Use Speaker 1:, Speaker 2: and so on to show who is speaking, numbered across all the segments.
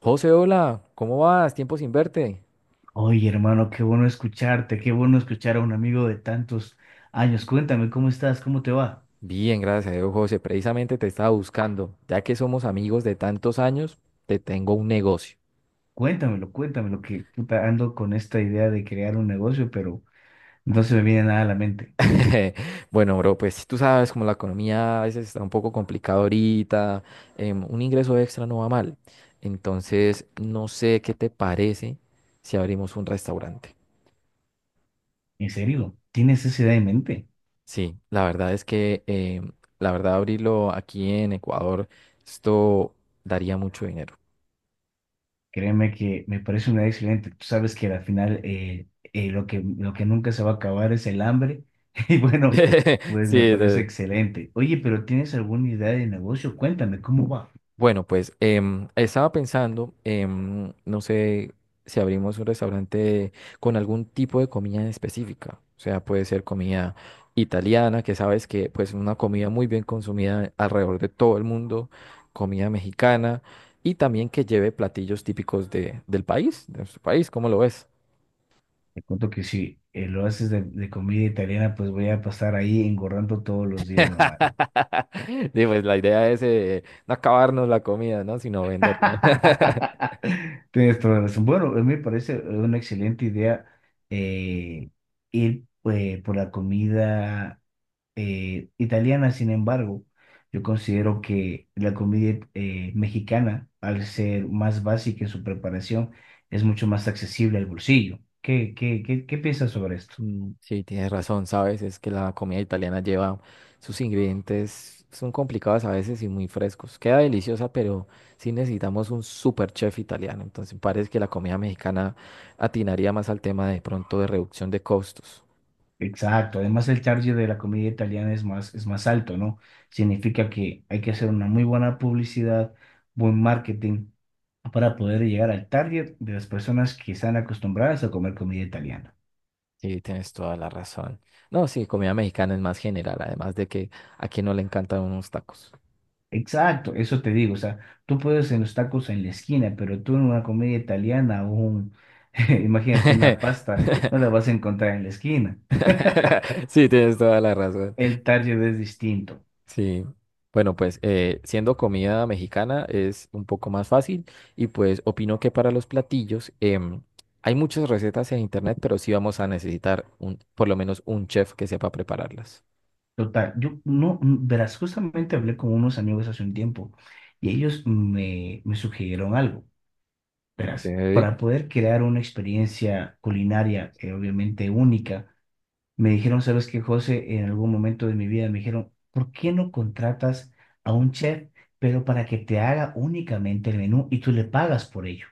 Speaker 1: José, hola, ¿cómo vas? Tiempo sin verte.
Speaker 2: Oye, hermano, qué bueno escucharte, qué bueno escuchar a un amigo de tantos años. Cuéntame, ¿cómo estás? ¿Cómo te va?
Speaker 1: Bien, gracias a Dios, José. Precisamente te estaba buscando. Ya que somos amigos de tantos años, te tengo un negocio.
Speaker 2: Cuéntamelo, cuéntamelo, que puta, ando con esta idea de crear un negocio, pero no se me viene nada a la mente.
Speaker 1: Bueno, bro, pues tú sabes como la economía a veces está un poco complicada ahorita, un ingreso extra no va mal. Entonces, no sé qué te parece si abrimos un restaurante.
Speaker 2: En serio, ¿tienes esa idea en mente?
Speaker 1: Sí, la verdad es que, la verdad, abrirlo aquí en Ecuador, esto daría mucho dinero.
Speaker 2: Créeme que me parece una idea excelente. Tú sabes que al final lo que nunca se va a acabar es el hambre. Y bueno, pues
Speaker 1: Sí,
Speaker 2: me parece excelente. Oye, pero ¿tienes alguna idea de negocio? Cuéntame, ¿cómo va?
Speaker 1: Bueno, pues estaba pensando, no sé si abrimos un restaurante con algún tipo de comida en específica. O sea, puede ser comida italiana, que sabes que pues es una comida muy bien consumida alrededor de todo el mundo, comida mexicana y también que lleve platillos típicos del país, de nuestro país, ¿cómo lo ves?
Speaker 2: Te cuento que si lo haces de comida italiana, pues voy a pasar ahí engordando todos los días, hermano.
Speaker 1: Sí, pues la idea es no acabarnos la comida, ¿no? Sino venderla.
Speaker 2: Tienes toda la razón. Bueno, a mí me parece una excelente idea eh, ir por la comida italiana. Sin embargo, yo considero que la comida mexicana, al ser más básica en su preparación, es mucho más accesible al bolsillo. ¿Qué piensas sobre esto?
Speaker 1: Mm, sí, tienes razón, ¿sabes? Es que la comida italiana lleva sus ingredientes, son complicados a veces y muy frescos. Queda deliciosa, pero sí necesitamos un super chef italiano. Entonces parece que la comida mexicana atinaría más al tema de pronto de reducción de costos.
Speaker 2: Exacto, además el target de la comida italiana es más alto, ¿no? Significa que hay que hacer una muy buena publicidad, buen marketing para poder llegar al target de las personas que están acostumbradas a comer comida italiana.
Speaker 1: Sí, tienes toda la razón. No, sí, comida mexicana es más general, además de que a quien no le encantan unos tacos.
Speaker 2: Exacto, eso te digo, o sea, tú puedes en los tacos en la esquina, pero tú en una comida italiana o un, imagínate una pasta, no la vas a encontrar en la esquina.
Speaker 1: Sí, tienes toda la razón.
Speaker 2: El target es distinto.
Speaker 1: Sí, bueno, pues siendo comida mexicana es un poco más fácil y pues opino que para los platillos hay muchas recetas en internet, pero sí vamos a necesitar por lo menos un chef que sepa prepararlas.
Speaker 2: Total, yo no, verás, justamente hablé con unos amigos hace un tiempo y ellos me sugirieron algo,
Speaker 1: Ok.
Speaker 2: verás, para poder crear una experiencia culinaria obviamente única, me dijeron, ¿sabes qué, José? En algún momento de mi vida me dijeron, ¿por qué no contratas a un chef, pero para que te haga únicamente el menú y tú le pagas por ello?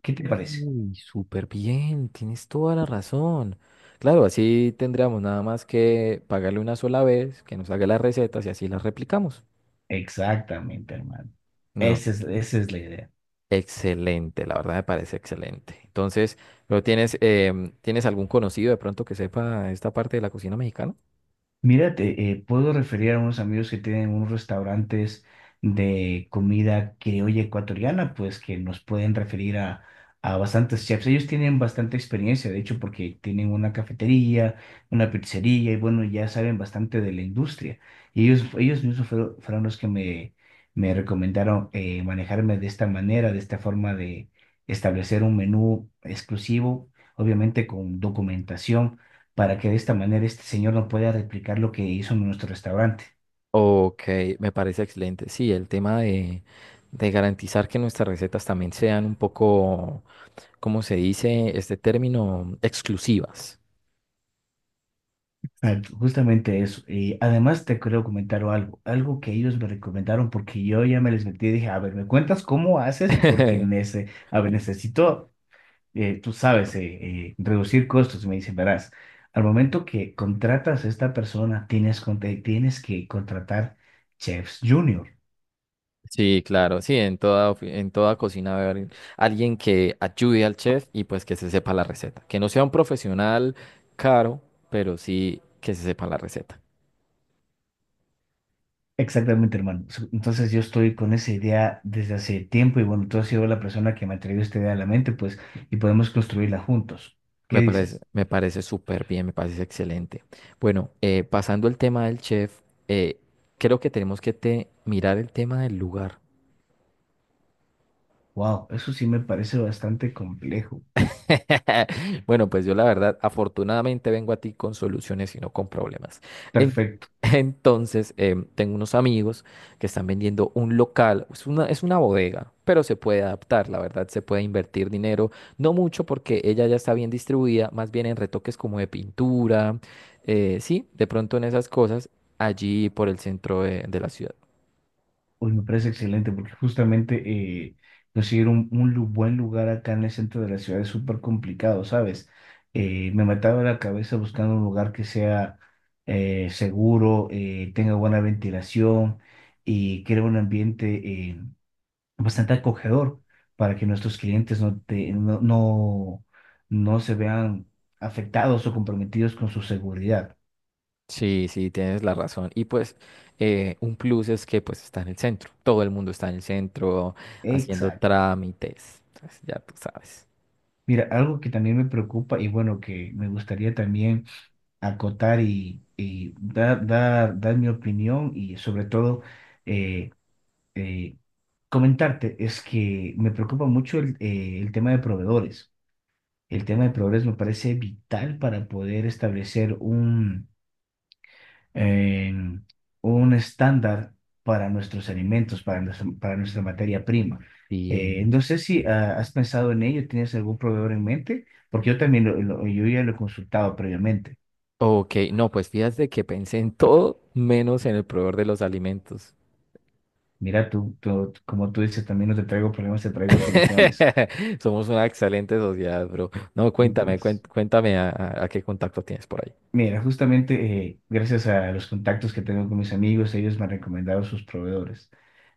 Speaker 2: ¿Qué te parece?
Speaker 1: súper bien, tienes toda la razón. Claro, así tendríamos nada más que pagarle una sola vez, que nos haga las recetas y así las replicamos.
Speaker 2: Exactamente, hermano.
Speaker 1: No.
Speaker 2: Esa es la idea.
Speaker 1: Excelente, la verdad me parece excelente. Entonces, ¿lo tienes, tienes algún conocido de pronto que sepa esta parte de la cocina mexicana?
Speaker 2: Mira, te puedo referir a unos amigos que tienen unos restaurantes de comida criolla ecuatoriana, pues que nos pueden referir a bastantes chefs. Ellos tienen bastante experiencia, de hecho, porque tienen una cafetería, una pizzería y bueno, ya saben bastante de la industria. Y ellos mismos fueron los que me recomendaron manejarme de esta manera, de esta forma de establecer un menú exclusivo, obviamente con documentación para que de esta manera este señor no pueda replicar lo que hizo en nuestro restaurante.
Speaker 1: Ok, me parece excelente. Sí, el tema de garantizar que nuestras recetas también sean un poco, ¿cómo se dice este término? Exclusivas.
Speaker 2: Ah, justamente eso. Y además te quiero comentar algo, algo que ellos me recomendaron porque yo ya me les metí y dije, a ver, ¿me cuentas cómo haces? Porque nece- a ver, necesito, tú sabes, reducir costos. Y me dicen, verás, al momento que contratas a esta persona, tienes, con- te- tienes que contratar chefs junior.
Speaker 1: Sí, claro, sí, en toda cocina debe haber alguien que ayude al chef y pues que se sepa la receta. Que no sea un profesional caro, pero sí que se sepa la receta.
Speaker 2: Exactamente, hermano. So- Entonces yo estoy con esa idea desde hace tiempo y bueno, tú has sido la persona que me ha traído esta idea a la mente, pues, y podemos construirla juntos. ¿Qué dices?
Speaker 1: Me parece súper bien, me parece excelente. Bueno, pasando el tema del chef, eh, creo que tenemos que mirar el tema del lugar.
Speaker 2: Wow, eso sí me parece bastante complejo.
Speaker 1: Bueno, pues yo la verdad, afortunadamente vengo a ti con soluciones y no con problemas. En-
Speaker 2: Perfecto.
Speaker 1: entonces, tengo unos amigos que están vendiendo un local, es una bodega, pero se puede adaptar, la verdad, se puede invertir dinero, no mucho porque ella ya está bien distribuida, más bien en retoques como de pintura, sí, de pronto en esas cosas, allí por el centro de la ciudad.
Speaker 2: Uy, me parece excelente porque justamente eh, conseguir un lu- buen lugar acá en el centro de la ciudad es súper complicado, ¿sabes? Me mataba la cabeza buscando un lugar que sea seguro, tenga buena ventilación y crea un ambiente eh, bastante acogedor para que nuestros clientes no, te- no se vean afectados o comprometidos con su seguridad.
Speaker 1: Sí, sí, tienes la razón. Y pues un plus es que pues está en el centro. Todo el mundo está en el centro haciendo
Speaker 2: Exacto.
Speaker 1: trámites. Entonces, ya tú sabes.
Speaker 2: Mira, algo que también me preocupa y bueno, que me gustaría también acotar y dar, dar mi opinión y sobre todo eh, eh, comentarte es que me preocupa mucho el tema de proveedores. El tema de proveedores me parece vital para poder establecer eh, un estándar para nuestros alimentos, para para nuestra materia prima.
Speaker 1: Sí.
Speaker 2: No sé si has pensado en ello, ¿tienes algún proveedor en mente? Porque yo también yo ya lo he consultado previamente.
Speaker 1: Ok, no, pues fíjate que pensé en todo menos en el proveedor de los alimentos.
Speaker 2: Mira, como tú dices, también no te traigo problemas, te traigo soluciones.
Speaker 1: Somos una excelente sociedad, bro. No, cuéntame,
Speaker 2: Entonces,
Speaker 1: cuéntame a qué contacto tienes por ahí.
Speaker 2: mira, justamente gracias a los contactos que tengo con mis amigos, ellos me han recomendado sus proveedores.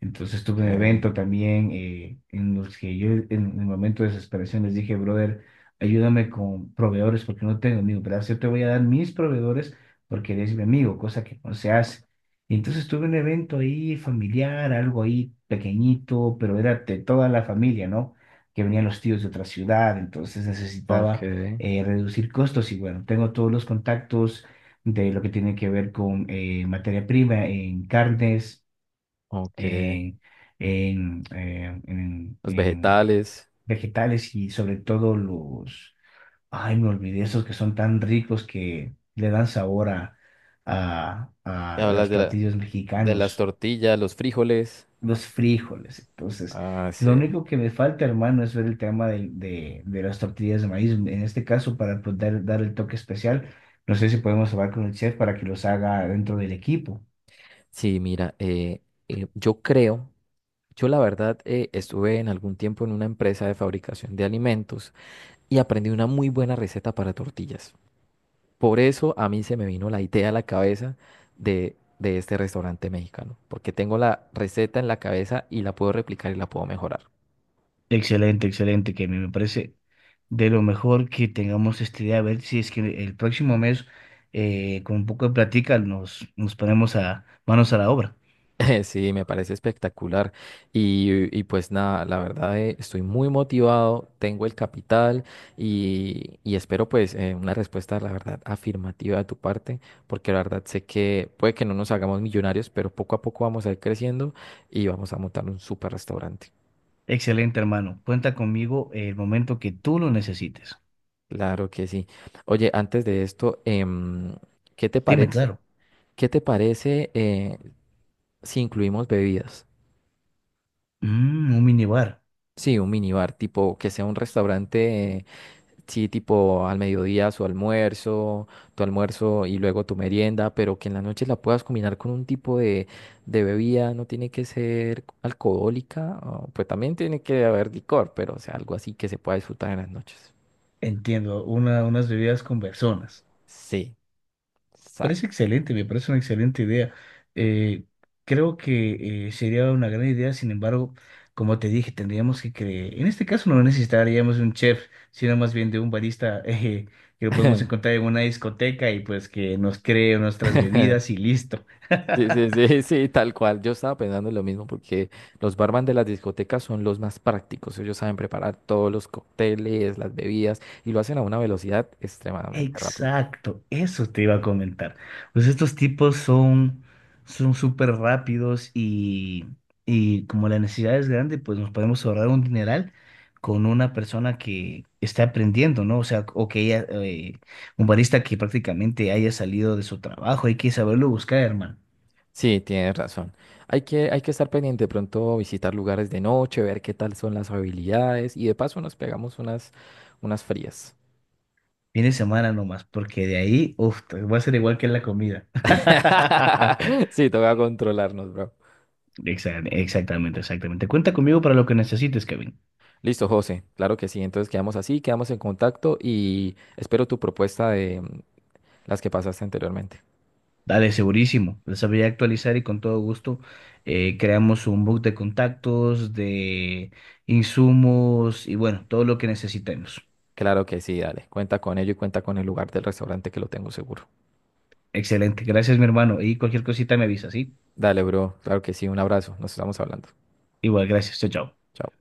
Speaker 2: Entonces tuve un
Speaker 1: Okay,
Speaker 2: evento también en los que yo en el momento de desesperación les dije, brother, ayúdame con proveedores porque no tengo amigos, ¿verdad? Yo te voy a dar mis proveedores porque eres mi amigo, cosa que no se hace. Y entonces tuve un evento ahí familiar, algo ahí pequeñito, pero era de toda la familia, ¿no? Que venían los tíos de otra ciudad, entonces necesitaba
Speaker 1: okay,
Speaker 2: reducir costos y bueno, tengo todos los contactos de lo que tiene que ver con materia prima en carnes,
Speaker 1: okay.
Speaker 2: en,
Speaker 1: Los
Speaker 2: en
Speaker 1: vegetales.
Speaker 2: vegetales y sobre todo los, ay, me olvidé, esos que son tan ricos que le dan sabor a
Speaker 1: Hablas
Speaker 2: los
Speaker 1: de
Speaker 2: platillos
Speaker 1: de las
Speaker 2: mexicanos,
Speaker 1: tortillas, los frijoles.
Speaker 2: los frijoles. Entonces,
Speaker 1: Ah,
Speaker 2: lo
Speaker 1: sí.
Speaker 2: único que me falta, hermano, es ver el tema del- de las tortillas de maíz. En este caso, para poder dar el toque especial, no sé si podemos hablar con el chef para que los haga dentro del equipo.
Speaker 1: Sí, mira, yo creo, yo la verdad estuve en algún tiempo en una empresa de fabricación de alimentos y aprendí una muy buena receta para tortillas. Por eso a mí se me vino la idea a la cabeza de este restaurante mexicano, porque tengo la receta en la cabeza y la puedo replicar y la puedo mejorar.
Speaker 2: Excelente, excelente, que a mí me parece de lo mejor que tengamos esta idea. A ver si es que el próximo mes, con un poco de plática, nos ponemos a manos a la obra.
Speaker 1: Sí, me parece espectacular. Y pues nada, la verdad estoy muy motivado, tengo el capital y espero pues una respuesta, la verdad, afirmativa de tu parte, porque la verdad sé que puede que no nos hagamos millonarios, pero poco a poco vamos a ir creciendo y vamos a montar un super restaurante.
Speaker 2: Excelente, hermano. Cuenta conmigo el momento que tú lo necesites.
Speaker 1: Claro que sí. Oye, antes de esto, ¿qué te
Speaker 2: Dime,
Speaker 1: parece?
Speaker 2: claro.
Speaker 1: ¿Qué te parece si incluimos bebidas?
Speaker 2: Mm, un minibar.
Speaker 1: Sí, un minibar, tipo que sea un restaurante. Sí, tipo al mediodía su almuerzo, tu almuerzo y luego tu merienda, pero que en la noche la puedas combinar con un tipo de bebida, no tiene que ser alcohólica, pues también tiene que haber licor, pero o sea, algo así que se pueda disfrutar en las noches.
Speaker 2: Entiendo, una, unas bebidas con personas.
Speaker 1: Sí, exacto.
Speaker 2: Parece excelente, me parece una excelente idea. Eh, Creo que sería una gran idea, sin embargo, como te dije, tendríamos que creer. En este caso no necesitaríamos un chef, sino más bien de un barista que lo podemos encontrar en una discoteca y pues que nos cree nuestras bebidas y listo.
Speaker 1: Sí, sí, sí, sí, tal cual. Yo estaba pensando en lo mismo porque los barman de las discotecas son los más prácticos. Ellos saben preparar todos los cócteles, las bebidas y lo hacen a una velocidad extremadamente rápida.
Speaker 2: Exacto, eso te iba a comentar. Pues estos tipos son súper rápidos y como la necesidad es grande, pues nos podemos ahorrar un dineral con una persona que está aprendiendo, ¿no? O sea, o que ella, un barista que prácticamente haya salido de su trabajo, hay que saberlo buscar, hermano.
Speaker 1: Sí, tienes razón. Hay que estar pendiente de pronto, visitar lugares de noche, ver qué tal son las habilidades y de paso nos pegamos unas, unas frías.
Speaker 2: Viene semana nomás, porque de ahí, uff, va a ser igual que en la comida.
Speaker 1: Sí, toca controlarnos, bro.
Speaker 2: Exactamente, exactamente. Cuenta conmigo para lo que necesites, Kevin.
Speaker 1: Listo, José. Claro que sí. Entonces quedamos así, quedamos en contacto y espero tu propuesta de mm, las que pasaste anteriormente.
Speaker 2: Dale, segurísimo. Les sabría actualizar y con todo gusto creamos un book de contactos, de insumos y bueno, todo lo que necesitemos.
Speaker 1: Claro que sí, dale. Cuenta con ello y cuenta con el lugar del restaurante que lo tengo seguro.
Speaker 2: Excelente. Gracias, mi hermano. Y cualquier cosita me avisa, ¿sí?
Speaker 1: Dale, bro. Claro que sí. Un abrazo. Nos estamos hablando.
Speaker 2: Igual, gracias. Chao, chao.
Speaker 1: Chao.